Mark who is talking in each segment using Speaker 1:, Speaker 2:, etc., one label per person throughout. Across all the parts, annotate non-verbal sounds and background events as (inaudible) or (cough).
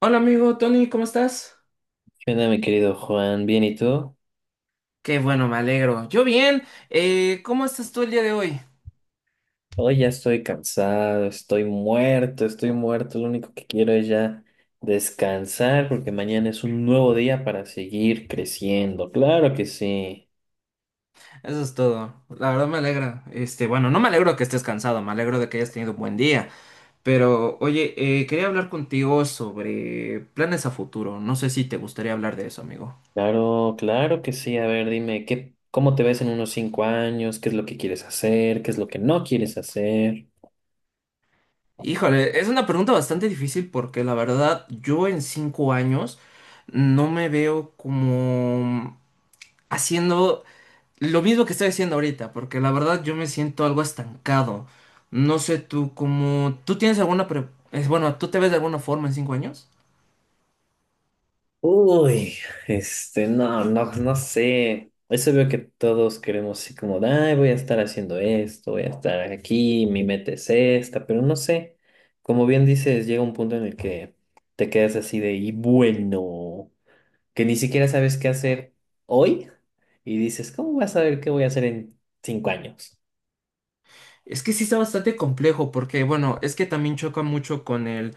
Speaker 1: Hola amigo Tony, ¿cómo estás?
Speaker 2: ¿Qué onda, mi querido Juan? ¿Bien y tú?
Speaker 1: Qué bueno, me alegro. Yo bien. ¿Cómo estás tú el día de hoy?
Speaker 2: Hoy ya estoy cansado, estoy muerto, estoy muerto. Lo único que quiero es ya descansar porque mañana es un nuevo día para seguir creciendo. Claro que sí.
Speaker 1: Eso es todo. La verdad me alegra. Este, bueno, no me alegro que estés cansado, me alegro de que hayas tenido un buen día. Pero, oye, quería hablar contigo sobre planes a futuro. No sé si te gustaría hablar de eso, amigo.
Speaker 2: Claro, claro que sí. A ver, dime, ¿cómo te ves en unos 5 años? ¿Qué es lo que quieres hacer? ¿Qué es lo que no quieres hacer?
Speaker 1: Híjole, es una pregunta bastante difícil porque la verdad yo en 5 años no me veo como haciendo lo mismo que estoy haciendo ahorita, porque la verdad yo me siento algo estancado. No sé tú cómo... ¿Tú tienes alguna... bueno, ¿tú te ves de alguna forma en 5 años?
Speaker 2: Uy, no, no, no sé. Eso veo que todos queremos así como, de, ay, voy a estar haciendo esto, voy a estar aquí, mi meta es esta, pero no sé. Como bien dices, llega un punto en el que te quedas así de, y bueno, que ni siquiera sabes qué hacer hoy y dices, ¿cómo vas a saber qué voy a hacer en 5 años?
Speaker 1: Es que sí está bastante complejo porque, bueno, es que también choca mucho con el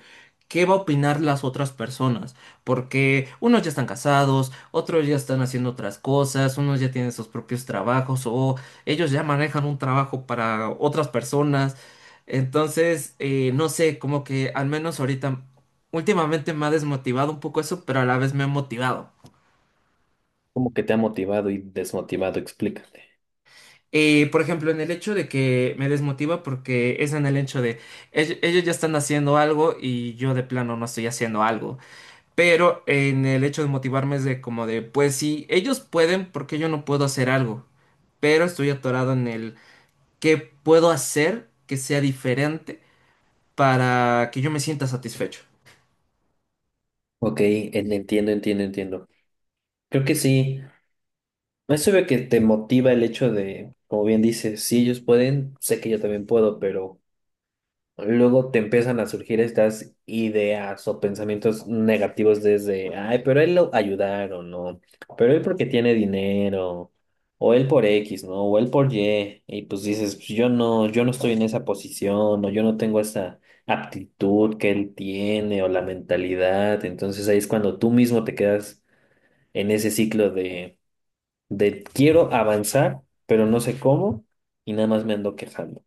Speaker 1: qué va a opinar las otras personas, porque unos ya están casados, otros ya están haciendo otras cosas, unos ya tienen sus propios trabajos o ellos ya manejan un trabajo para otras personas. Entonces, no sé, como que al menos ahorita, últimamente me ha desmotivado un poco eso, pero a la vez me ha motivado.
Speaker 2: Como que te ha motivado y desmotivado, explícate.
Speaker 1: Por ejemplo, en el hecho de que me desmotiva porque es en el hecho de ellos, ya están haciendo algo y yo de plano no estoy haciendo algo. Pero en el hecho de motivarme es de como de, pues si ellos pueden, ¿por qué yo no puedo hacer algo? Pero estoy atorado en el qué puedo hacer que sea diferente para que yo me sienta satisfecho.
Speaker 2: Ok, entiendo, entiendo, entiendo. Creo que sí. Eso veo que te motiva el hecho de, como bien dices, si ellos pueden, sé que yo también puedo, pero luego te empiezan a surgir estas ideas o pensamientos negativos desde, ay, pero él lo ayudaron, ¿no? Pero él porque tiene dinero, o él por X, ¿no? O él por Y, y pues dices, "Pues yo no, yo no estoy en esa posición, o yo no tengo esa aptitud que él tiene, o la mentalidad, entonces ahí es cuando tú mismo te quedas en ese ciclo de quiero avanzar, pero no sé cómo y nada más me ando quejando.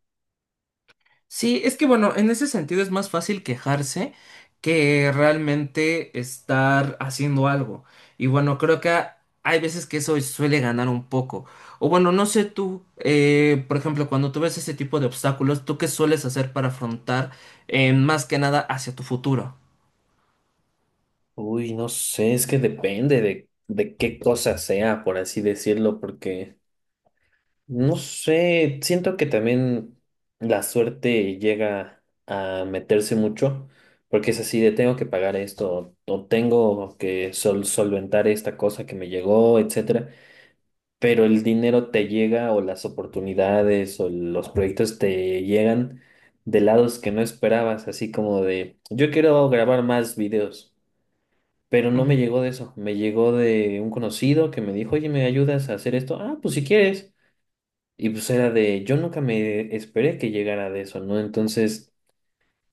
Speaker 1: Sí, es que bueno, en ese sentido es más fácil quejarse que realmente estar haciendo algo. Y bueno, creo que hay veces que eso suele ganar un poco. O bueno, no sé tú, por ejemplo, cuando tú ves ese tipo de obstáculos, ¿tú qué sueles hacer para afrontar más que nada hacia tu futuro?
Speaker 2: Uy, no sé, es que depende de qué cosa sea, por así decirlo, porque no sé, siento que también la suerte llega a meterse mucho, porque es así de tengo que pagar esto o tengo que solventar esta cosa que me llegó, etcétera. Pero el dinero te llega o las oportunidades o los proyectos te llegan de lados que no esperabas, así como de, yo quiero grabar más videos, pero no me
Speaker 1: Ujú,
Speaker 2: llegó de eso, me llegó de un conocido que me dijo, oye, ¿me ayudas a hacer esto? Ah, pues si quieres. Y pues era de, yo nunca me esperé que llegara de eso, ¿no? Entonces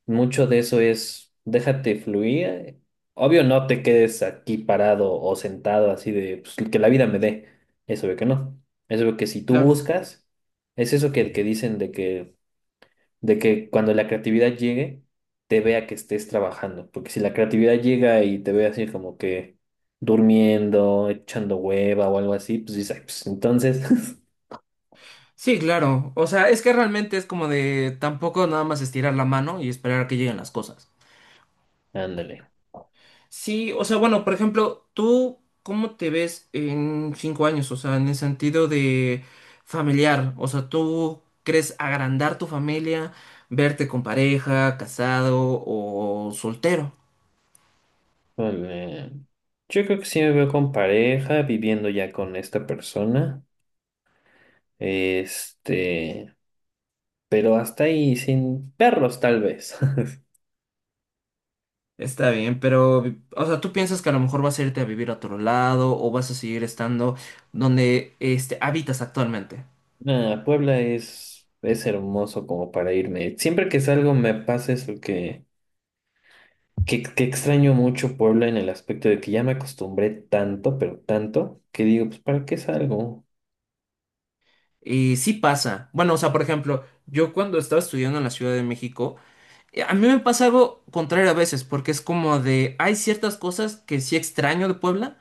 Speaker 2: mucho de eso es, déjate fluir. Obvio, no te quedes aquí parado o sentado así de pues, que la vida me dé. Eso veo que no. Eso veo que si tú
Speaker 1: claro.
Speaker 2: buscas, es eso que dicen de que cuando la creatividad llegue, te vea que estés trabajando. Porque si la creatividad llega y te ve así como que durmiendo, echando hueva o algo así, pues dices, "Ay, pues entonces,
Speaker 1: Sí, claro. O sea, es que realmente es como de tampoco nada más estirar la mano y esperar a que lleguen las cosas.
Speaker 2: (laughs) ándale.
Speaker 1: Sí, o sea, bueno, por ejemplo, ¿tú cómo te ves en 5 años? O sea, en el sentido de familiar. O sea, ¿tú crees agrandar tu familia, verte con pareja, casado o soltero?
Speaker 2: Vale. Yo creo que sí me veo con pareja, viviendo ya con esta persona. Este, pero hasta ahí, sin perros tal vez. (laughs)
Speaker 1: Está bien, pero, o sea, ¿tú piensas que a lo mejor vas a irte a vivir a otro lado o vas a seguir estando donde este, habitas actualmente?
Speaker 2: Nah, Puebla es hermoso como para irme. Siempre que salgo me pasa eso que extraño mucho Puebla en el aspecto de que ya me acostumbré tanto, pero tanto, que digo, pues ¿para qué salgo?
Speaker 1: Y sí pasa. Bueno, o sea, por ejemplo, yo cuando estaba estudiando en la Ciudad de México, a mí me pasa algo contrario a veces, porque es como de, hay ciertas cosas que sí extraño de Puebla,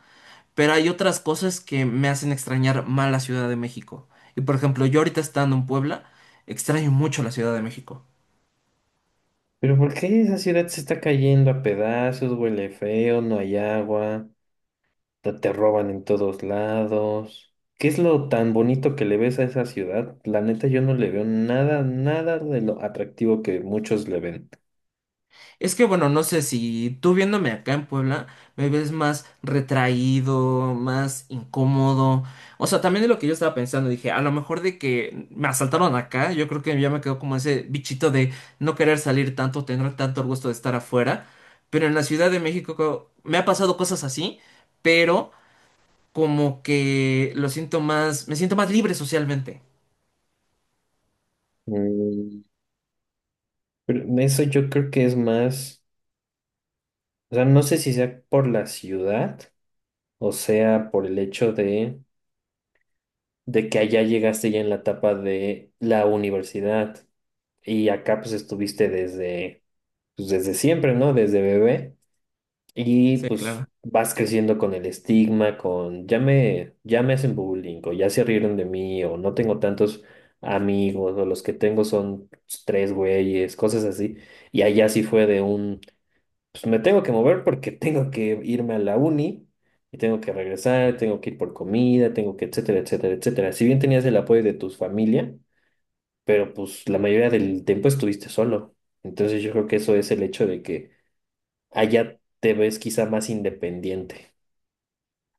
Speaker 1: pero hay otras cosas que me hacen extrañar más la Ciudad de México. Y por ejemplo, yo ahorita estando en Puebla, extraño mucho la Ciudad de México.
Speaker 2: Pero ¿por qué esa ciudad se está cayendo a pedazos, huele feo, no hay agua? Te roban en todos lados. ¿Qué es lo tan bonito que le ves a esa ciudad? La neta, yo no le veo nada, nada de lo atractivo que muchos le ven.
Speaker 1: Es que bueno, no sé si tú viéndome acá en Puebla me ves más retraído, más incómodo. O sea, también de lo que yo estaba pensando, dije, a lo mejor de que me asaltaron acá, yo creo que ya me quedó como ese bichito de no querer salir tanto, tener tanto el gusto de estar afuera. Pero en la Ciudad de México me ha pasado cosas así, pero como que lo siento más, me siento más libre socialmente.
Speaker 2: Mm, pero eso yo creo que es más, o sea, no sé si sea por la ciudad o sea por el hecho de que allá llegaste ya en la etapa de la universidad y acá pues estuviste desde, pues, desde siempre, ¿no? Desde bebé. Y
Speaker 1: Sí, claro.
Speaker 2: pues vas creciendo con el estigma, con ya me hacen bullying, o ya se rieron de mí, o no tengo tantos amigos, o los que tengo son pues, tres güeyes, cosas así. Y allá sí fue de un, pues me tengo que mover porque (laughs) tengo que irme a la uni, y tengo que regresar, tengo que ir por comida, tengo que, etcétera, etcétera, etcétera. Si bien tenías el apoyo de tu familia, pero pues la mayoría del tiempo estuviste solo. Entonces yo creo que eso es el hecho de que allá te ves quizá más independiente,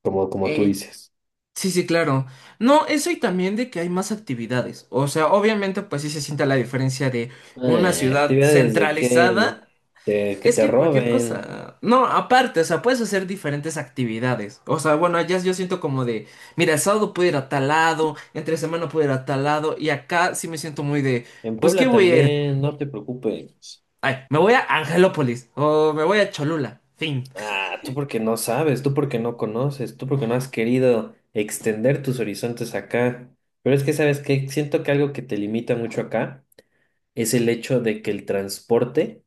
Speaker 2: como tú
Speaker 1: Eh,
Speaker 2: dices.
Speaker 1: Sí, sí, claro. No, eso y también de que hay más actividades. O sea, obviamente, pues sí se siente la diferencia de una ciudad
Speaker 2: Actividades de que
Speaker 1: centralizada.
Speaker 2: que
Speaker 1: Es
Speaker 2: te
Speaker 1: que cualquier
Speaker 2: roben.
Speaker 1: cosa. No, aparte, o sea, puedes hacer diferentes actividades. O sea, bueno, allá yo siento como de, mira, el sábado puedo ir a tal lado, entre semana puedo ir a tal lado, y acá sí me siento muy de,
Speaker 2: En
Speaker 1: pues, ¿qué
Speaker 2: Puebla
Speaker 1: voy a ir?
Speaker 2: también, no te preocupes.
Speaker 1: Ay, me voy a Angelópolis, o me voy a Cholula, fin.
Speaker 2: Ah, tú porque no sabes, tú porque no conoces, tú porque no has querido extender tus horizontes acá. Pero es que, ¿sabes qué? Siento que algo que te limita mucho acá es el hecho de que el transporte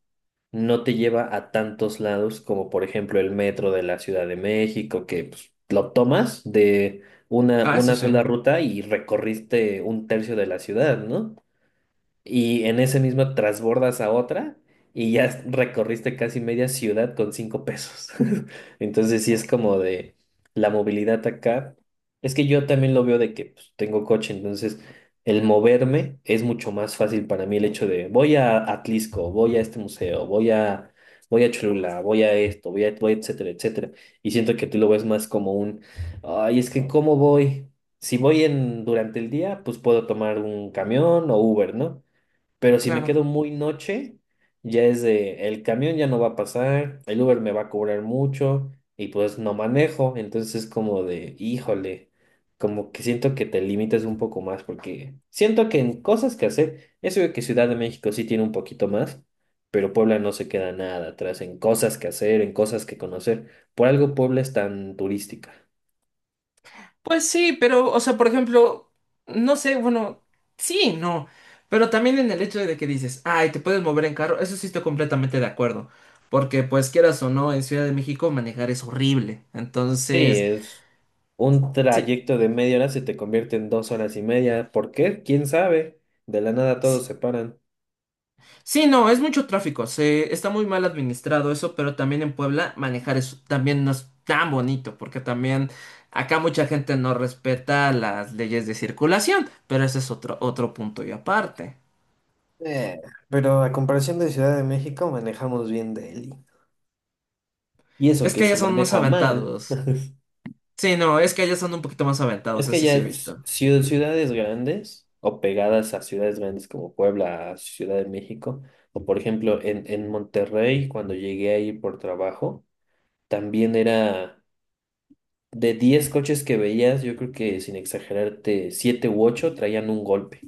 Speaker 2: no te lleva a tantos lados como por ejemplo el metro de la Ciudad de México, que pues, lo tomas de una,
Speaker 1: Ah, eso
Speaker 2: una
Speaker 1: sí.
Speaker 2: sola ruta y recorriste un tercio de la ciudad, ¿no? Y en ese mismo transbordas a otra y recorriste casi media ciudad con 5 pesos. (laughs) Entonces sí es como de la movilidad acá. Es que yo también lo veo de que pues, tengo coche, entonces el moverme es mucho más fácil para mí el hecho de voy a Atlisco, voy a este museo, voy a Cholula, voy a esto, voy a etcétera, etcétera. Y siento que tú lo ves más como un, ay, es que ¿cómo voy? Si voy en durante el día, pues puedo tomar un camión o Uber, ¿no? Pero si me
Speaker 1: Claro.
Speaker 2: quedo muy noche, ya es de, el camión ya no va a pasar, el Uber me va a cobrar mucho y pues no manejo. Entonces es como de, híjole, como que siento que te limitas un poco más porque siento que en cosas que hacer, eso de que Ciudad de México sí tiene un poquito más, pero Puebla no se queda nada atrás en cosas que hacer, en cosas que conocer. Por algo Puebla es tan turística.
Speaker 1: Pues sí, pero, o sea, por ejemplo, no sé, bueno, sí, y no, pero también en el hecho de que dices, ay, te puedes mover en carro, eso sí estoy completamente de acuerdo, porque pues quieras o no, en Ciudad de México manejar es horrible,
Speaker 2: Sí,
Speaker 1: entonces,
Speaker 2: es. Un
Speaker 1: sí,
Speaker 2: trayecto de 1/2 hora se te convierte en 2 horas y media. ¿Por qué? ¿Quién sabe? De la nada todos
Speaker 1: sí,
Speaker 2: se paran.
Speaker 1: sí, no, es mucho tráfico, se, está muy mal administrado eso, pero también en Puebla manejar es, también no es tan bonito, porque también acá mucha gente no respeta las leyes de circulación, pero ese es otro punto y aparte.
Speaker 2: Eh, pero a comparación de Ciudad de México, manejamos bien Delhi. Y eso
Speaker 1: Es
Speaker 2: que
Speaker 1: que ya
Speaker 2: se
Speaker 1: son más
Speaker 2: maneja mal,
Speaker 1: aventados. Sí, no, es que allá son un poquito más
Speaker 2: es
Speaker 1: aventados,
Speaker 2: que
Speaker 1: eso
Speaker 2: ya
Speaker 1: sí he
Speaker 2: es
Speaker 1: visto.
Speaker 2: ciudades grandes o pegadas a ciudades grandes como Puebla, Ciudad de México, o por ejemplo en Monterrey, cuando llegué ahí por trabajo, también era de 10 coches que veías, yo creo que sin exagerarte, 7 u 8 traían un golpe.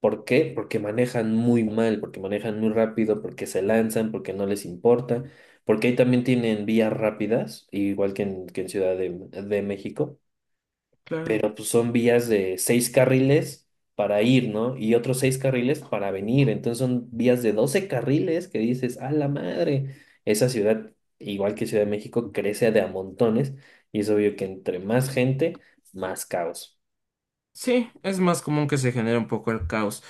Speaker 2: ¿Por qué? Porque manejan muy mal, porque manejan muy rápido, porque se lanzan, porque no les importa, porque ahí también tienen vías rápidas, igual que que en Ciudad de México,
Speaker 1: Claro.
Speaker 2: pero pues son vías de 6 carriles para ir, ¿no? Y otros 6 carriles para venir, entonces son vías de 12 carriles que dices, ¡a la madre! Esa ciudad, igual que Ciudad de México, crece de a montones y es obvio que entre más gente, más caos.
Speaker 1: Sí, es más común que se genere un poco el caos.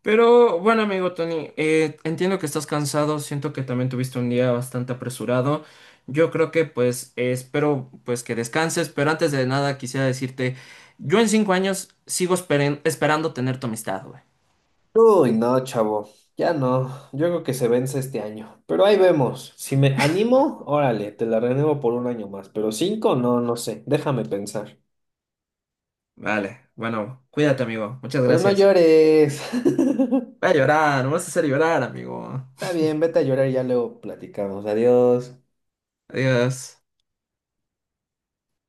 Speaker 1: Pero bueno, amigo Tony, entiendo que estás cansado, siento que también tuviste un día bastante apresurado. Yo creo que pues espero pues que descanses, pero antes de nada quisiera decirte, yo en cinco años sigo esperando tener tu amistad, güey.
Speaker 2: Uy, no, chavo, ya no. Yo creo que se vence este año. Pero ahí vemos. Si me animo, órale, te la renuevo por un año más. Pero cinco, no, no sé. Déjame pensar.
Speaker 1: Vale, bueno, cuídate, amigo. Muchas
Speaker 2: Pero no
Speaker 1: gracias.
Speaker 2: llores. (laughs)
Speaker 1: Va a llorar, no vas a hacer llorar, amigo.
Speaker 2: Está bien, vete a llorar y ya luego platicamos. Adiós.
Speaker 1: Adiós.